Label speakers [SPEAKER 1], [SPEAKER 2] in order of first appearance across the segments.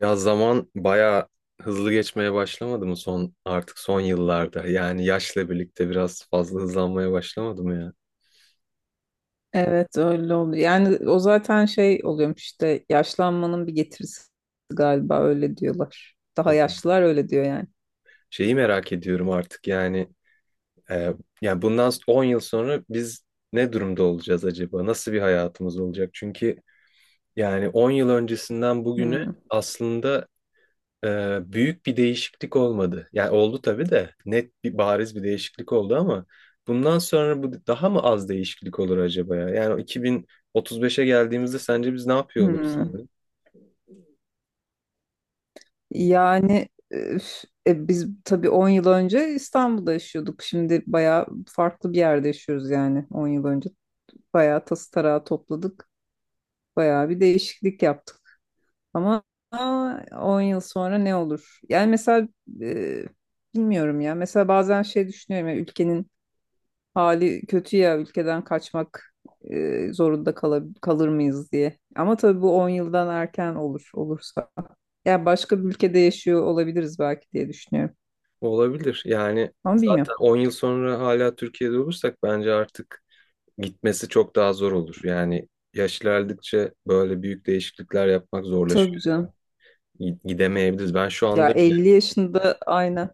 [SPEAKER 1] Ya zaman bayağı hızlı geçmeye başlamadı mı son artık son yıllarda? Yani yaşla birlikte biraz fazla hızlanmaya başlamadı mı ya?
[SPEAKER 2] Evet, öyle oluyor. Yani o zaten şey oluyormuş işte, yaşlanmanın bir getirisi galiba, öyle diyorlar. Daha
[SPEAKER 1] O
[SPEAKER 2] yaşlılar öyle diyor yani.
[SPEAKER 1] şeyi merak ediyorum artık yani e, yani bundan 10 yıl sonra biz ne durumda olacağız acaba? Nasıl bir hayatımız olacak? Çünkü yani 10 yıl öncesinden bugüne
[SPEAKER 2] Hmm,
[SPEAKER 1] aslında büyük bir değişiklik olmadı. Yani oldu tabii de net bir bariz bir değişiklik oldu ama bundan sonra bu daha mı az değişiklik olur acaba ya? Yani o 2035'e geldiğimizde sence biz ne yapıyor oluruz
[SPEAKER 2] hmm.
[SPEAKER 1] sence?
[SPEAKER 2] Yani biz tabii 10 yıl önce İstanbul'da yaşıyorduk. Şimdi bayağı farklı bir yerde yaşıyoruz, yani 10 yıl önce. Bayağı tası tarağı topladık. Bayağı bir değişiklik yaptık. Ama 10 yıl sonra ne olur? Yani mesela, e, bilmiyorum ya. Mesela bazen şey düşünüyorum ya, ülkenin hali kötü ya, ülkeden kaçmak zorunda kalır mıyız diye. Ama tabii bu 10 yıldan erken olur olursa. Yani başka bir ülkede yaşıyor olabiliriz belki diye düşünüyorum.
[SPEAKER 1] Olabilir. Yani
[SPEAKER 2] Ama bilmiyorum.
[SPEAKER 1] zaten 10 yıl sonra hala Türkiye'de olursak bence artık gitmesi çok daha zor olur. Yani yaş ilerledikçe böyle büyük değişiklikler yapmak
[SPEAKER 2] Tabii
[SPEAKER 1] zorlaşıyor.
[SPEAKER 2] canım.
[SPEAKER 1] Gidemeyebiliriz. Ben şu
[SPEAKER 2] Ya
[SPEAKER 1] anda
[SPEAKER 2] 50 yaşında aynen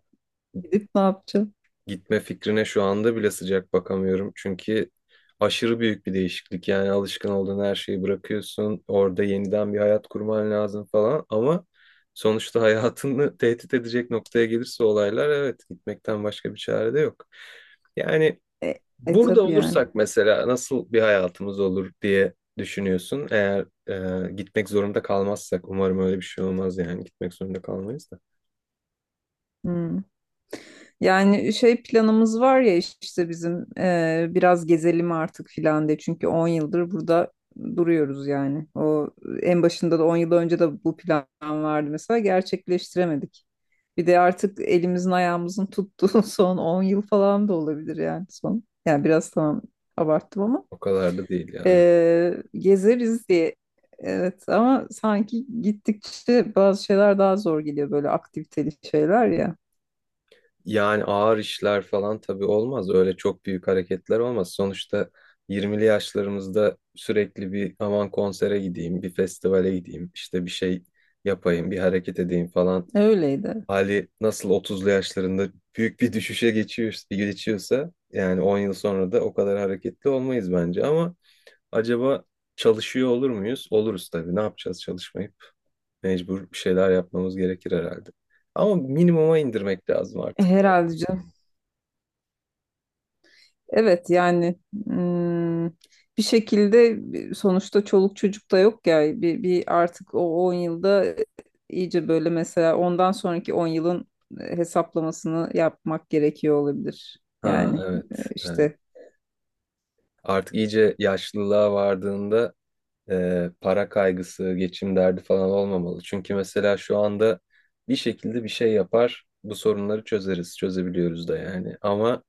[SPEAKER 2] gidip ne yapacağım?
[SPEAKER 1] Gitme fikrine şu anda bile sıcak bakamıyorum. Çünkü aşırı büyük bir değişiklik. Yani alışkın olduğun her şeyi bırakıyorsun. Orada yeniden bir hayat kurman lazım falan. Ama sonuçta hayatını tehdit edecek noktaya gelirse olaylar, evet, gitmekten başka bir çare de yok. Yani
[SPEAKER 2] E, e
[SPEAKER 1] burada
[SPEAKER 2] tabii yani.
[SPEAKER 1] olursak mesela nasıl bir hayatımız olur diye düşünüyorsun. Eğer gitmek zorunda kalmazsak umarım öyle bir şey olmaz yani gitmek zorunda kalmayız da.
[SPEAKER 2] Hmm. Yani şey, planımız var ya işte bizim, biraz gezelim artık filan de, çünkü 10 yıldır burada duruyoruz yani. O en başında da, 10 yıl önce de bu plan vardı mesela, gerçekleştiremedik. Bir de artık elimizin ayağımızın tuttuğu son 10 yıl falan da olabilir yani, son. Yani biraz, tamam abarttım ama
[SPEAKER 1] O kadar da değil ya. Evet.
[SPEAKER 2] gezeriz diye. Evet, ama sanki gittikçe bazı şeyler daha zor geliyor, böyle aktiviteli şeyler ya.
[SPEAKER 1] Yani ağır işler falan tabii olmaz. Öyle çok büyük hareketler olmaz. Sonuçta 20'li yaşlarımızda sürekli bir aman konsere gideyim, bir festivale gideyim, işte bir şey yapayım, bir hareket edeyim falan.
[SPEAKER 2] Öyleydi.
[SPEAKER 1] Hali nasıl 30'lu yaşlarında büyük bir düşüşe geçiyor, geçiyorsa yani 10 yıl sonra da o kadar hareketli olmayız bence. Ama acaba çalışıyor olur muyuz? Oluruz tabii. Ne yapacağız çalışmayıp? Mecbur bir şeyler yapmamız gerekir herhalde. Ama minimuma indirmek lazım artık.
[SPEAKER 2] Herhalde canım. Evet yani, mm, bir şekilde sonuçta çoluk çocuk da yok ya, bir artık o 10 yılda iyice böyle, mesela ondan sonraki 10 yılın hesaplamasını yapmak gerekiyor olabilir.
[SPEAKER 1] Ha,
[SPEAKER 2] Yani
[SPEAKER 1] evet, evet.
[SPEAKER 2] işte,
[SPEAKER 1] Artık iyice yaşlılığa vardığında para kaygısı, geçim derdi falan olmamalı. Çünkü mesela şu anda bir şekilde bir şey yapar, bu sorunları çözeriz, çözebiliyoruz da yani. Ama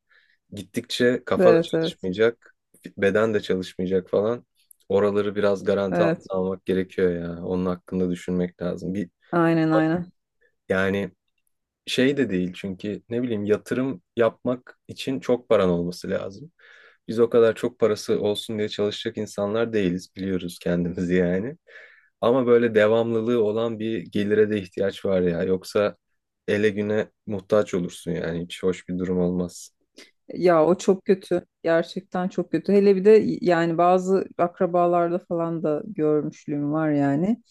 [SPEAKER 1] gittikçe kafa da
[SPEAKER 2] evet evet
[SPEAKER 1] çalışmayacak, beden de çalışmayacak falan. Oraları biraz garanti altına
[SPEAKER 2] evet,
[SPEAKER 1] almak gerekiyor ya. Onun hakkında düşünmek lazım. Bir
[SPEAKER 2] aynen aynen.
[SPEAKER 1] yani Şey de değil çünkü ne bileyim yatırım yapmak için çok paran olması lazım. Biz o kadar çok parası olsun diye çalışacak insanlar değiliz, biliyoruz kendimizi yani. Ama böyle devamlılığı olan bir gelire de ihtiyaç var ya. Yoksa ele güne muhtaç olursun, yani hiç hoş bir durum olmaz.
[SPEAKER 2] Ya, o çok kötü. Gerçekten çok kötü. Hele bir de, yani bazı akrabalarda falan da görmüşlüğüm var yani.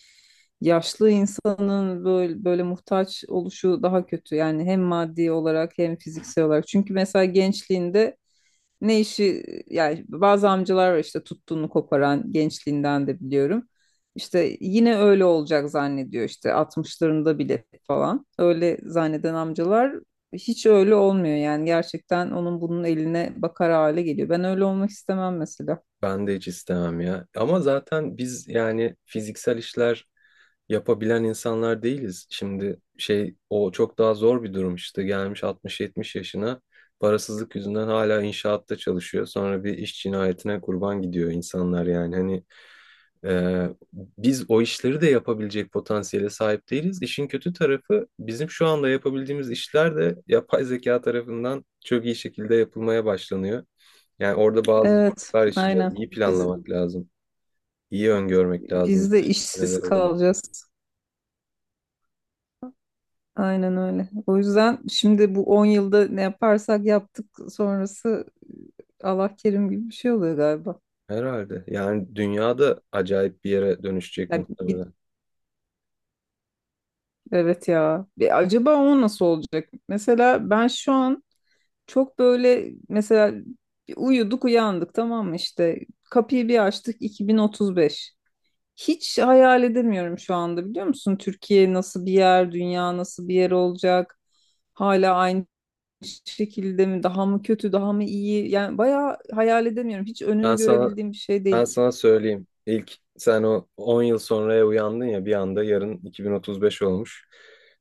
[SPEAKER 2] Yaşlı insanın böyle, böyle muhtaç oluşu daha kötü. Yani hem maddi olarak hem fiziksel olarak. Çünkü mesela gençliğinde ne işi, yani bazı amcalar var işte, tuttuğunu koparan, gençliğinden de biliyorum. İşte yine öyle olacak zannediyor, işte 60'larında bile falan. Öyle zanneden amcalar hiç öyle olmuyor yani, gerçekten onun bunun eline bakar hale geliyor. Ben öyle olmak istemem mesela.
[SPEAKER 1] Ben de hiç istemem ya. Ama zaten biz yani fiziksel işler yapabilen insanlar değiliz. Şimdi şey, o çok daha zor bir durum, işte gelmiş 60-70 yaşına parasızlık yüzünden hala inşaatta çalışıyor. Sonra bir iş cinayetine kurban gidiyor insanlar yani hani Ee, biz o işleri de yapabilecek potansiyele sahip değiliz. İşin kötü tarafı bizim şu anda yapabildiğimiz işler de yapay zeka tarafından çok iyi şekilde yapılmaya başlanıyor. Yani orada bazı
[SPEAKER 2] Evet,
[SPEAKER 1] zorluklar
[SPEAKER 2] aynen.
[SPEAKER 1] yaşayacağız. İyi
[SPEAKER 2] Biz
[SPEAKER 1] planlamak lazım. İyi öngörmek lazım.
[SPEAKER 2] biz de işsiz
[SPEAKER 1] Neler olabilir?
[SPEAKER 2] kalacağız. Aynen öyle. O yüzden şimdi bu 10 yılda ne yaparsak yaptık, sonrası Allah kerim gibi bir şey oluyor galiba.
[SPEAKER 1] Herhalde. Yani dünyada acayip bir yere dönüşecek
[SPEAKER 2] Ya bir
[SPEAKER 1] muhtemelen.
[SPEAKER 2] Evet ya. Acaba o nasıl olacak? Mesela ben şu an çok böyle, mesela uyuduk uyandık, tamam mı, işte kapıyı bir açtık, 2035. Hiç hayal edemiyorum şu anda, biliyor musun? Türkiye nasıl bir yer, dünya nasıl bir yer olacak? Hala aynı şekilde mi, daha mı kötü daha mı iyi, yani bayağı hayal edemiyorum, hiç
[SPEAKER 1] Ben
[SPEAKER 2] önünü
[SPEAKER 1] sana
[SPEAKER 2] görebildiğim bir şey değil.
[SPEAKER 1] Ben sana söyleyeyim. İlk sen o 10 yıl sonraya uyandın ya bir anda, yarın 2035 olmuş.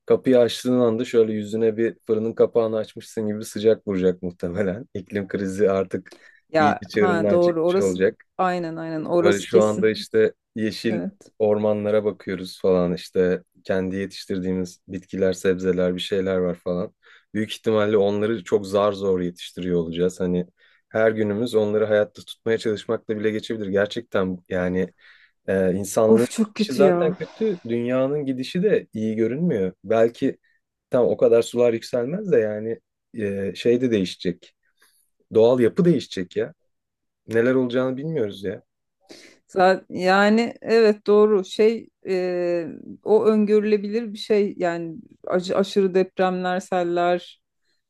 [SPEAKER 1] Kapıyı açtığın anda şöyle yüzüne bir fırının kapağını açmışsın gibi sıcak vuracak muhtemelen. İklim krizi artık
[SPEAKER 2] Ya,
[SPEAKER 1] iyice
[SPEAKER 2] ha
[SPEAKER 1] çığırından
[SPEAKER 2] doğru
[SPEAKER 1] çıkmış
[SPEAKER 2] orası,
[SPEAKER 1] olacak.
[SPEAKER 2] aynen aynen,
[SPEAKER 1] Böyle
[SPEAKER 2] orası
[SPEAKER 1] şu anda
[SPEAKER 2] kesin.
[SPEAKER 1] işte yeşil
[SPEAKER 2] Evet.
[SPEAKER 1] ormanlara bakıyoruz falan, işte kendi yetiştirdiğimiz bitkiler, sebzeler bir şeyler var falan. Büyük ihtimalle onları çok zar zor yetiştiriyor olacağız. Hani her günümüz onları hayatta tutmaya çalışmakla bile geçebilir. Gerçekten yani insanlığın
[SPEAKER 2] Of çok
[SPEAKER 1] gidişi
[SPEAKER 2] kötü
[SPEAKER 1] zaten
[SPEAKER 2] ya.
[SPEAKER 1] kötü, dünyanın gidişi de iyi görünmüyor. Belki tam o kadar sular yükselmez de yani şey de değişecek. Doğal yapı değişecek ya. Neler olacağını bilmiyoruz ya.
[SPEAKER 2] Yani evet, doğru şey, o öngörülebilir bir şey yani, aşırı depremler, seller,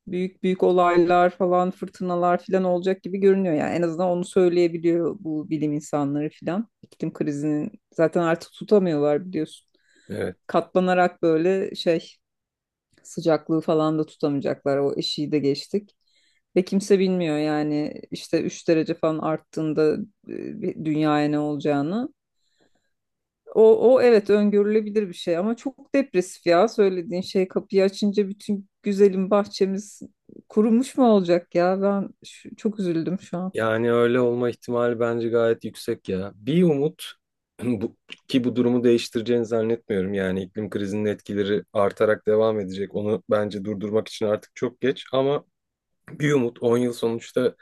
[SPEAKER 2] büyük büyük olaylar falan, fırtınalar falan olacak gibi görünüyor yani, en azından onu söyleyebiliyor bu bilim insanları falan. İklim krizinin zaten artık tutamıyorlar biliyorsun.
[SPEAKER 1] Evet.
[SPEAKER 2] Katlanarak böyle şey, sıcaklığı falan da tutamayacaklar. O eşiği de geçtik. Ve kimse bilmiyor yani işte 3 derece falan arttığında, bir dünyaya ne olacağını. O evet, öngörülebilir bir şey ama çok depresif ya söylediğin şey, kapıyı açınca bütün güzelim bahçemiz kurumuş mu olacak ya, ben çok üzüldüm şu an.
[SPEAKER 1] Yani öyle olma ihtimali bence gayet yüksek ya. Bir umut bu, ki bu durumu değiştireceğini zannetmiyorum. Yani iklim krizinin etkileri artarak devam edecek. Onu bence durdurmak için artık çok geç ama bir umut 10 yıl sonuçta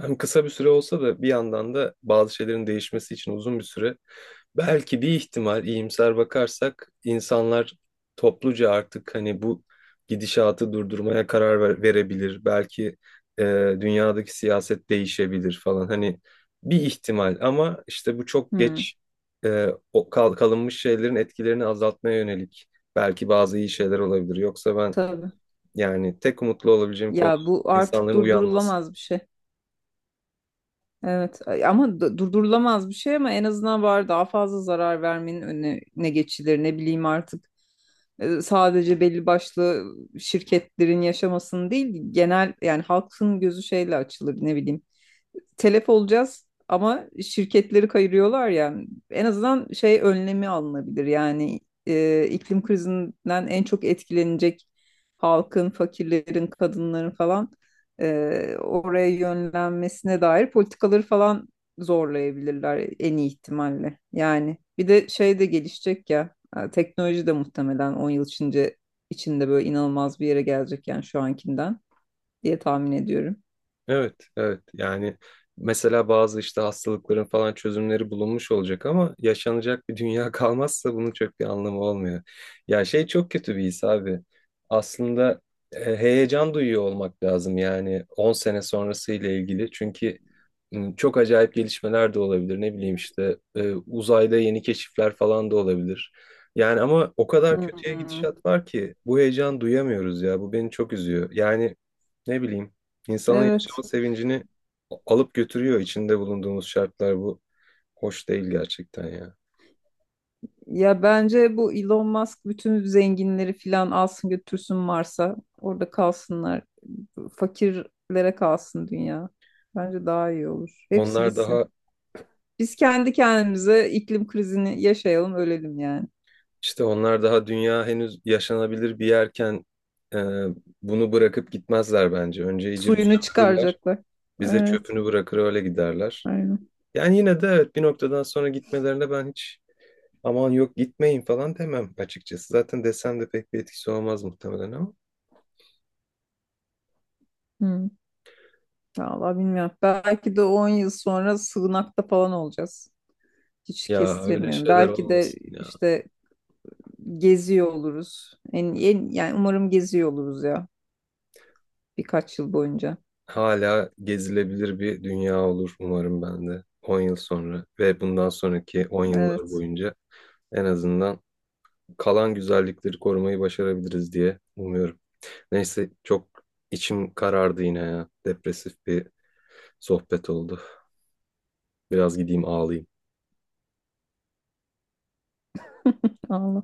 [SPEAKER 1] hem kısa bir süre olsa da bir yandan da bazı şeylerin değişmesi için uzun bir süre. Belki bir ihtimal iyimser bakarsak insanlar topluca artık hani bu gidişatı durdurmaya verebilir. Belki e, dünyadaki siyaset değişebilir falan. Hani bir ihtimal ama işte bu çok
[SPEAKER 2] Hmm,
[SPEAKER 1] geç, e, o kalınmış şeylerin etkilerini azaltmaya yönelik belki bazı iyi şeyler olabilir. Yoksa ben
[SPEAKER 2] tabii.
[SPEAKER 1] yani tek umutlu olabileceğim konu
[SPEAKER 2] Ya, bu artık
[SPEAKER 1] insanların uyanması.
[SPEAKER 2] durdurulamaz bir şey. Evet ama, durdurulamaz bir şey, ama en azından var, daha fazla zarar vermenin önüne ne geçilir, ne bileyim artık. Sadece belli başlı şirketlerin yaşamasını değil, genel yani halkın gözü şeyle açılır, ne bileyim. Telef olacağız ama şirketleri kayırıyorlar ya. En azından şey önlemi alınabilir. Yani iklim krizinden en çok etkilenecek halkın, fakirlerin, kadınların falan, oraya yönlenmesine dair politikaları falan zorlayabilirler en iyi ihtimalle. Yani bir de şey de gelişecek ya. Teknoloji de muhtemelen 10 yıl içinde böyle inanılmaz bir yere gelecek yani, şu ankinden diye tahmin ediyorum.
[SPEAKER 1] Evet, evet. Yani mesela bazı işte hastalıkların falan çözümleri bulunmuş olacak ama yaşanacak bir dünya kalmazsa bunun çok bir anlamı olmuyor. Ya şey, çok kötü bir his abi. Aslında heyecan duyuyor olmak lazım yani 10 sene sonrası ile ilgili. Çünkü çok acayip gelişmeler de olabilir. Ne bileyim işte uzayda yeni keşifler falan da olabilir. Yani ama o kadar kötüye
[SPEAKER 2] Hmm.
[SPEAKER 1] gidişat var ki bu heyecan duyamıyoruz ya. Bu beni çok üzüyor. Yani ne bileyim, insanın
[SPEAKER 2] Evet.
[SPEAKER 1] yaşama sevincini alıp götürüyor içinde bulunduğumuz şartlar, bu hoş değil gerçekten ya.
[SPEAKER 2] Ya bence bu Elon Musk bütün zenginleri filan alsın götürsün Mars'a. Orada kalsınlar. Fakirlere kalsın dünya. Bence daha iyi olur. Hepsi
[SPEAKER 1] Onlar
[SPEAKER 2] gitsin.
[SPEAKER 1] daha
[SPEAKER 2] Biz kendi kendimize iklim krizini yaşayalım, ölelim yani.
[SPEAKER 1] işte onlar daha dünya henüz yaşanabilir bir yerken e, bunu bırakıp gitmezler bence. Önce iyice bir
[SPEAKER 2] Suyunu
[SPEAKER 1] sömürürler.
[SPEAKER 2] çıkaracaklar.
[SPEAKER 1] Bize
[SPEAKER 2] Evet,
[SPEAKER 1] çöpünü bırakır öyle giderler.
[SPEAKER 2] aynen.
[SPEAKER 1] Yani yine de evet, bir noktadan sonra gitmelerine ben hiç aman yok gitmeyin falan demem açıkçası. Zaten desem de pek bir etkisi olmaz muhtemelen ama.
[SPEAKER 2] Hı. Vallahi bilmiyorum. Belki de 10 yıl sonra sığınakta falan olacağız. Hiç
[SPEAKER 1] Ya öyle
[SPEAKER 2] kestiremiyorum.
[SPEAKER 1] şeyler
[SPEAKER 2] Belki de
[SPEAKER 1] olmasın ya.
[SPEAKER 2] işte geziyor oluruz. Yani umarım geziyor oluruz ya, birkaç yıl boyunca.
[SPEAKER 1] Hala gezilebilir bir dünya olur umarım ben de 10 yıl sonra ve bundan sonraki 10 yıllar
[SPEAKER 2] Evet.
[SPEAKER 1] boyunca en azından kalan güzellikleri korumayı başarabiliriz diye umuyorum. Neyse, çok içim karardı yine ya. Depresif bir sohbet oldu. Biraz gideyim ağlayayım.
[SPEAKER 2] Allah.